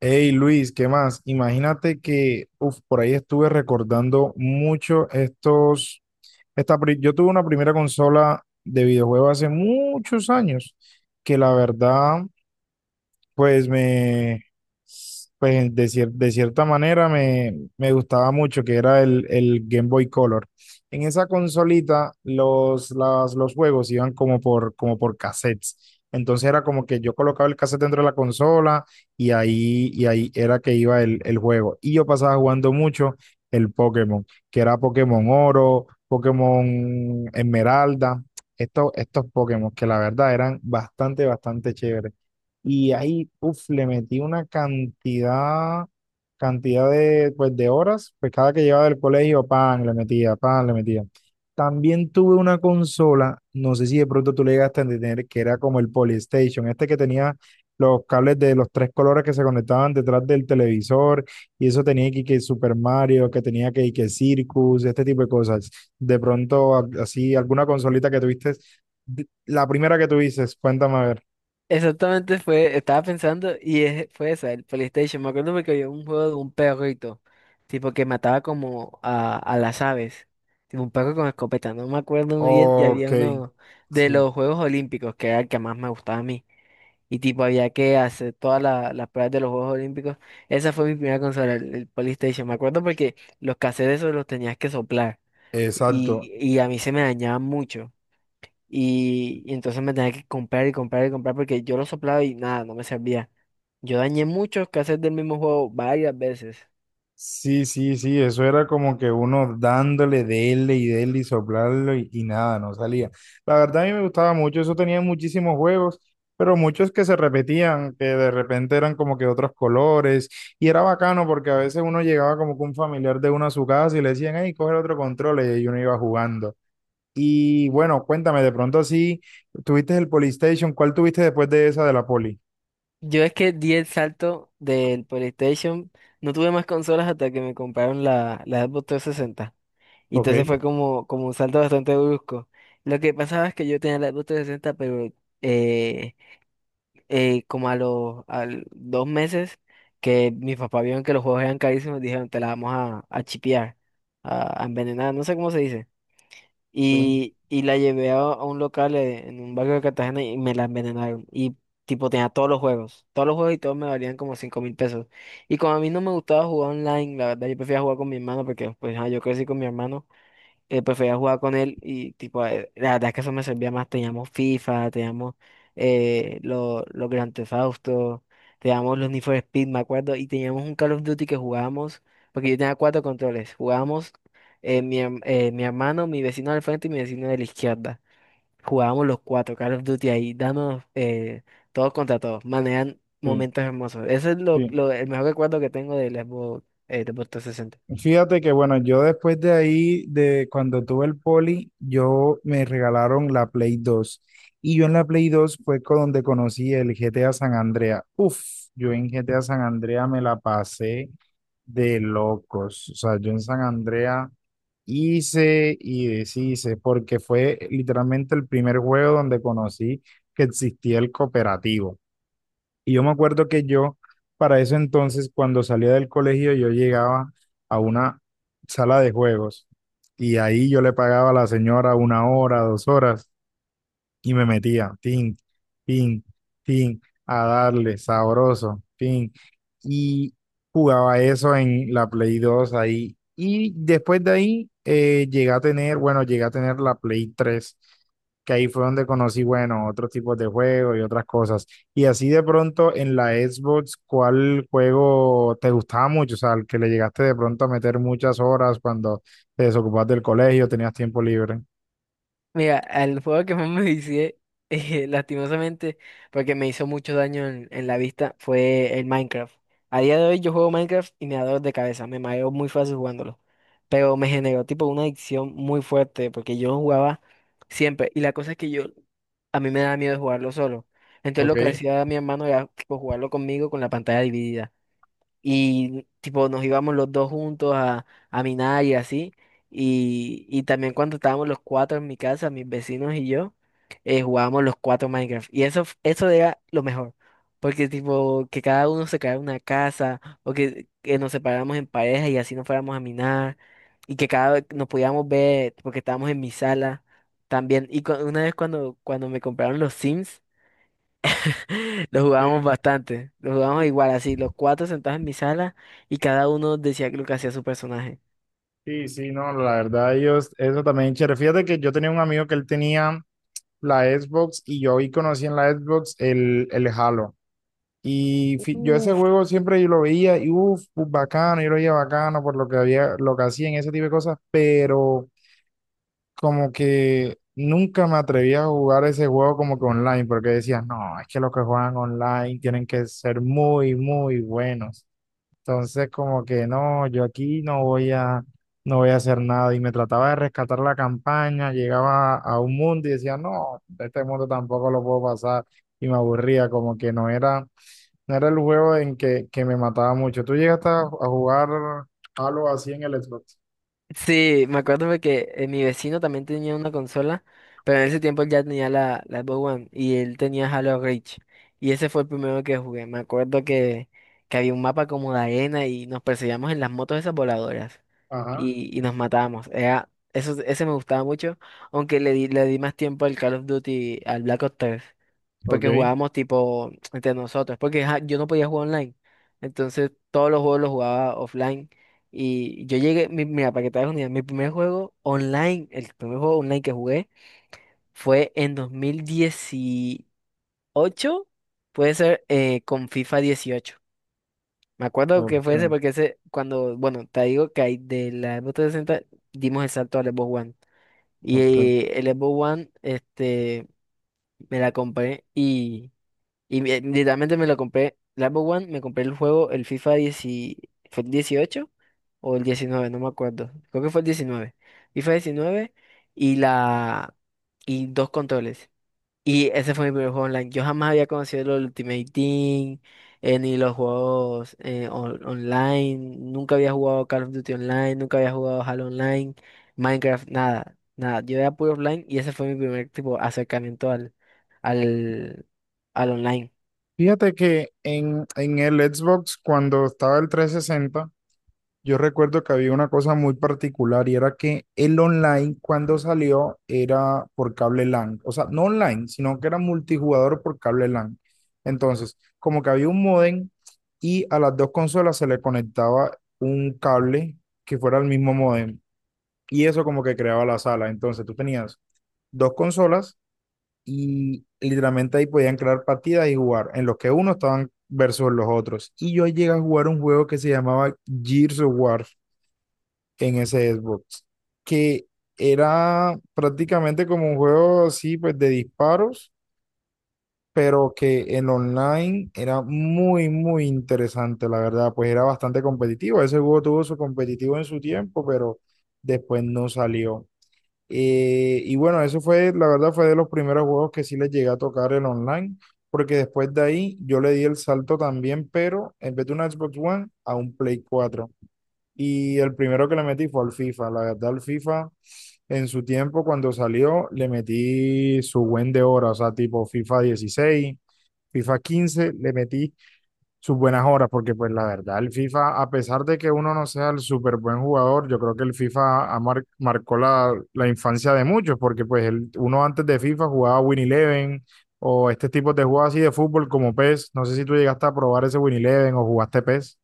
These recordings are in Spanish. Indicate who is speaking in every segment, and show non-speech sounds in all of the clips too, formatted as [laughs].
Speaker 1: Hey Luis, ¿qué más? Imagínate que uf, por ahí estuve recordando mucho estos. Yo tuve una primera consola de videojuego hace muchos años, que la verdad pues me, de cierta manera me gustaba mucho que era el Game Boy Color. En esa consolita los juegos iban como por cassettes. Entonces era como que yo colocaba el cassette dentro de la consola y ahí era que iba el juego. Y yo pasaba jugando mucho el Pokémon, que era Pokémon Oro, Pokémon Esmeralda, estos Pokémon que la verdad eran bastante, bastante chéveres. Y ahí, uff, le metí una cantidad de, pues, de horas, pues cada que llegaba del colegio, pan, le metía, pan, le metía. También tuve una consola, no sé si de pronto tú le llegaste a entender, que era como el Polystation, este que tenía los cables de los tres colores que se conectaban detrás del televisor, y eso tenía que Super Mario, que tenía que Circus, este tipo de cosas. De pronto, así, alguna consolita que tuviste, la primera que tuviste, cuéntame a ver.
Speaker 2: Exactamente fue, estaba pensando y fue esa, el PlayStation. Me acuerdo porque había un juego de un perrito, tipo que mataba como a las aves, tipo un perro con escopeta, no me acuerdo muy bien. Y
Speaker 1: Ok,
Speaker 2: había uno de
Speaker 1: sí,
Speaker 2: los Juegos Olímpicos, que era el que más me gustaba a mí. Y tipo había que hacer todas las pruebas de los Juegos Olímpicos. Esa fue mi primera consola, el PlayStation. Me acuerdo porque los cassettes esos los tenías que soplar
Speaker 1: exacto.
Speaker 2: y a mí se me dañaban mucho. Y entonces me tenía que comprar y comprar y comprar porque yo lo soplaba y nada, no me servía. Yo dañé muchos cassettes del mismo juego varias veces.
Speaker 1: Sí, sí, sí, eso era como que uno dándole, dele y dele y soplarlo y nada, no salía. La verdad a mí me gustaba mucho, eso tenía muchísimos juegos, pero muchos que se repetían, que de repente eran como que otros colores y era bacano porque a veces uno llegaba como que un familiar de uno a su casa y le decían, hey, coge el otro control y ahí uno iba jugando. Y bueno, cuéntame, de pronto así, tuviste el Polystation, ¿cuál tuviste después de esa de la Poli?
Speaker 2: Yo es que di el salto del PlayStation, no tuve más consolas hasta que me compraron la Xbox 360. Y
Speaker 1: Ok,
Speaker 2: entonces fue como, como un salto bastante brusco. Lo que pasaba es que yo tenía la Xbox 360, pero eh, como a los al 2 meses que mis papás vieron que los juegos eran carísimos, dijeron, te la vamos a chipear, a envenenar, no sé cómo se dice.
Speaker 1: sí,
Speaker 2: Y la llevé a un local en un barrio de Cartagena y me la envenenaron. Y tipo tenía todos los juegos y todos me valían como 5.000 pesos. Y como a mí no me gustaba jugar online, la verdad yo prefería jugar con mi hermano porque pues ah, yo crecí con mi hermano, prefería jugar con él y tipo, la verdad es que eso me servía más. Teníamos FIFA, teníamos los Grand Theft Auto, teníamos los Need for Speed, me acuerdo, y teníamos un Call of Duty que jugábamos, porque yo tenía cuatro controles. Jugábamos mi hermano, mi vecino del frente y mi vecino de la izquierda. Jugábamos los cuatro Call of Duty ahí, dándonos todos contra todos, manejan
Speaker 1: sí.
Speaker 2: momentos hermosos. Ese es
Speaker 1: Sí.
Speaker 2: el mejor recuerdo que tengo del Xbox, del Xbox 360.
Speaker 1: Fíjate que bueno, yo después de ahí, de cuando tuve el poli, yo me regalaron la Play 2. Y yo en la Play 2 fue con donde conocí el GTA San Andrea. Uf, yo en GTA San Andrea me la pasé de locos. O sea, yo en San Andrea hice y deshice, porque fue literalmente el primer juego donde conocí que existía el cooperativo. Y yo me acuerdo que yo, para eso entonces, cuando salía del colegio, yo llegaba a una sala de juegos y ahí yo le pagaba a la señora una hora, dos horas y me metía, tin, tin, tin, a darle, sabroso, tin. Y jugaba eso en la Play 2 ahí. Y después de ahí llegué a tener, bueno, llegué a tener la Play 3 que ahí fue donde conocí, bueno, otros tipos de juegos y otras cosas. Y así de pronto en la Xbox, ¿cuál juego te gustaba mucho? O sea, al que le llegaste de pronto a meter muchas horas cuando te desocupabas del colegio, tenías tiempo libre.
Speaker 2: Mira, al juego que más me hice, [laughs] lastimosamente, porque me hizo mucho daño en la vista, fue el Minecraft. A día de hoy yo juego Minecraft y me da dolor de cabeza, me mareo muy fácil jugándolo. Pero me generó tipo una adicción muy fuerte, porque yo lo jugaba siempre. Y la cosa es que yo, a mí me daba miedo jugarlo solo. Entonces
Speaker 1: Ok.
Speaker 2: lo que hacía mi hermano era tipo jugarlo conmigo con la pantalla dividida, y tipo nos íbamos los dos juntos a minar y así. Y también cuando estábamos los cuatro en mi casa, mis vecinos y yo, jugábamos los cuatro Minecraft. Y eso, eso era lo mejor, porque tipo que cada uno se creara una casa o que nos separáramos en pareja y así nos fuéramos a minar, y que cada vez nos podíamos ver porque estábamos en mi sala también. Y una vez cuando, cuando me compraron los Sims. [laughs] Lo jugábamos
Speaker 1: Sí.
Speaker 2: bastante. Lo jugábamos
Speaker 1: Y-
Speaker 2: igual, así, los cuatro sentados en mi sala y cada uno decía lo que hacía su personaje.
Speaker 1: Sí, sí, no, la verdad, ellos, eso también, chévere. Fíjate que yo tenía un amigo que él tenía la Xbox y yo ahí conocí en la Xbox el Halo. Y yo ese
Speaker 2: Uf.
Speaker 1: juego siempre yo lo veía y uff, bacano, yo lo veía bacano por lo que había, lo que hacían, ese tipo de cosas, pero como que nunca me atreví a jugar ese juego como que online, porque decía, no, es que los que juegan online tienen que ser muy, muy buenos. Entonces, como que no, yo aquí no voy a hacer nada. Y me trataba de rescatar la campaña, llegaba a un mundo y decía, no, este mundo tampoco lo puedo pasar. Y me aburría, como que no era el juego en que me mataba mucho. ¿Tú llegaste a jugar algo así en el Xbox?
Speaker 2: Sí, me acuerdo porque mi vecino también tenía una consola, pero en ese tiempo él ya tenía la Xbox One y él tenía Halo Reach. Y ese fue el primero que jugué. Me acuerdo que había un mapa como de arena y nos perseguíamos en las motos esas voladoras
Speaker 1: Ajá.
Speaker 2: y nos matábamos. Era, eso, ese me gustaba mucho, aunque le di más tiempo al Call of Duty, al Black Ops 3,
Speaker 1: Ok,
Speaker 2: porque jugábamos tipo entre nosotros, porque ajá, yo no podía jugar online. Entonces todos los juegos los jugaba offline. Y yo llegué, mira, para que te hagas una idea, mi primer juego online, el primer juego online que jugué fue en 2018, puede ser, con FIFA 18. Me acuerdo que fue ese
Speaker 1: ok,
Speaker 2: porque ese, cuando, bueno, te digo que ahí de la Xbox 360 dimos el salto al Xbox One. Y
Speaker 1: ok.
Speaker 2: el Xbox One, este, me la compré y... Y literalmente me lo compré, la Xbox One. Me compré el juego, el FIFA 10, ¿fue el 18 o el 19? No me acuerdo. Creo que fue el 19, FIFA 19, y la y dos controles. Y ese fue mi primer juego online. Yo jamás había conocido los Ultimate Team, ni los juegos online. Nunca había jugado Call of Duty Online, nunca había jugado Halo Online, Minecraft, nada, nada. Yo era puro offline y ese fue mi primer tipo acercamiento al, al online.
Speaker 1: Fíjate que en el Xbox, cuando estaba el 360, yo recuerdo que había una cosa muy particular y era que el online cuando salió era por cable LAN, o sea, no online, sino que era multijugador por cable LAN. Entonces, como que había un modem y a las dos consolas se le conectaba un cable que fuera el mismo modem y eso como que creaba la sala. Entonces, tú tenías dos consolas y literalmente ahí podían crear partidas y jugar en los que uno estaban versus los otros. Y yo llegué a jugar un juego que se llamaba Gears of War en ese Xbox, que era prácticamente como un juego así, pues de disparos, pero que el online era muy, muy interesante, la verdad, pues era bastante competitivo. Ese juego tuvo su competitivo en su tiempo, pero después no salió. Y bueno, eso fue, la verdad, fue de los primeros juegos que sí les llegué a tocar el online. Porque después de ahí yo le di el salto también, pero en vez de una Xbox One, a un Play 4 y el primero que le metí fue al FIFA. La verdad, al FIFA, en su tiempo, cuando salió, le metí su buen de horas, o sea, tipo FIFA 16, FIFA 15 le metí sus buenas horas, porque pues la verdad, el FIFA, a pesar de que uno no sea el súper buen jugador, yo creo que el FIFA ha marcó la, la infancia de muchos, porque pues el, uno antes de FIFA jugaba Win Eleven o este tipo de juegos así de fútbol como PES. No sé si tú llegaste a probar ese Win Eleven o jugaste PES.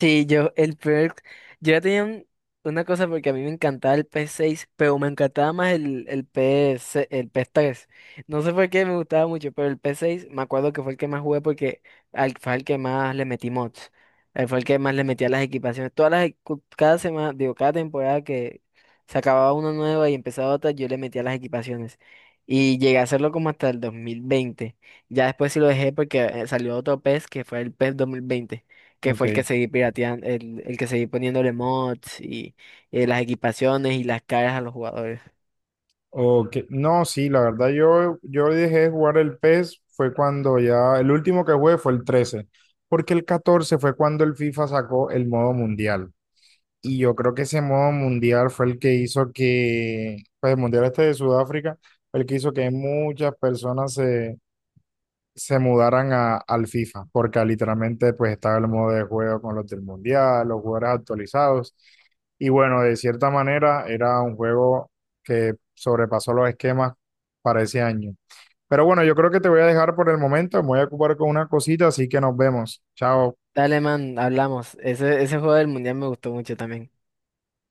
Speaker 2: Sí, yo, el peor, yo ya tenía una cosa porque a mí me encantaba el ps seis, pero me encantaba más el PS3. No sé por qué me gustaba mucho, pero el ps seis me acuerdo que fue el que más jugué porque fue el que más le metí mods. Fue el que más le metía las equipaciones. Todas las, e- cu- Cada semana, digo, cada temporada que se acababa una nueva y empezaba otra, yo le metía las equipaciones. Y llegué a hacerlo como hasta el 2020. Ya después sí lo dejé porque salió otro P PES, que fue el PES 2020, que
Speaker 1: Ok.
Speaker 2: fue el que seguí pirateando, el que seguí poniéndole mods y las equipaciones y las caras a los jugadores.
Speaker 1: Ok, no, sí, la verdad yo, yo dejé de jugar el PES fue cuando ya, el último que jugué fue el 13 porque el 14 fue cuando el FIFA sacó el modo mundial. Y yo creo que ese modo mundial fue el que hizo que, pues el mundial este de Sudáfrica, fue el que hizo que muchas personas se mudaran a, al FIFA, porque literalmente pues estaba el modo de juego con los del Mundial, los jugadores actualizados, y bueno, de cierta manera era un juego que sobrepasó los esquemas para ese año. Pero bueno, yo creo que te voy a dejar por el momento, me voy a ocupar con una cosita, así que nos vemos. Chao.
Speaker 2: Dale, man, hablamos. Ese juego del mundial me gustó mucho también.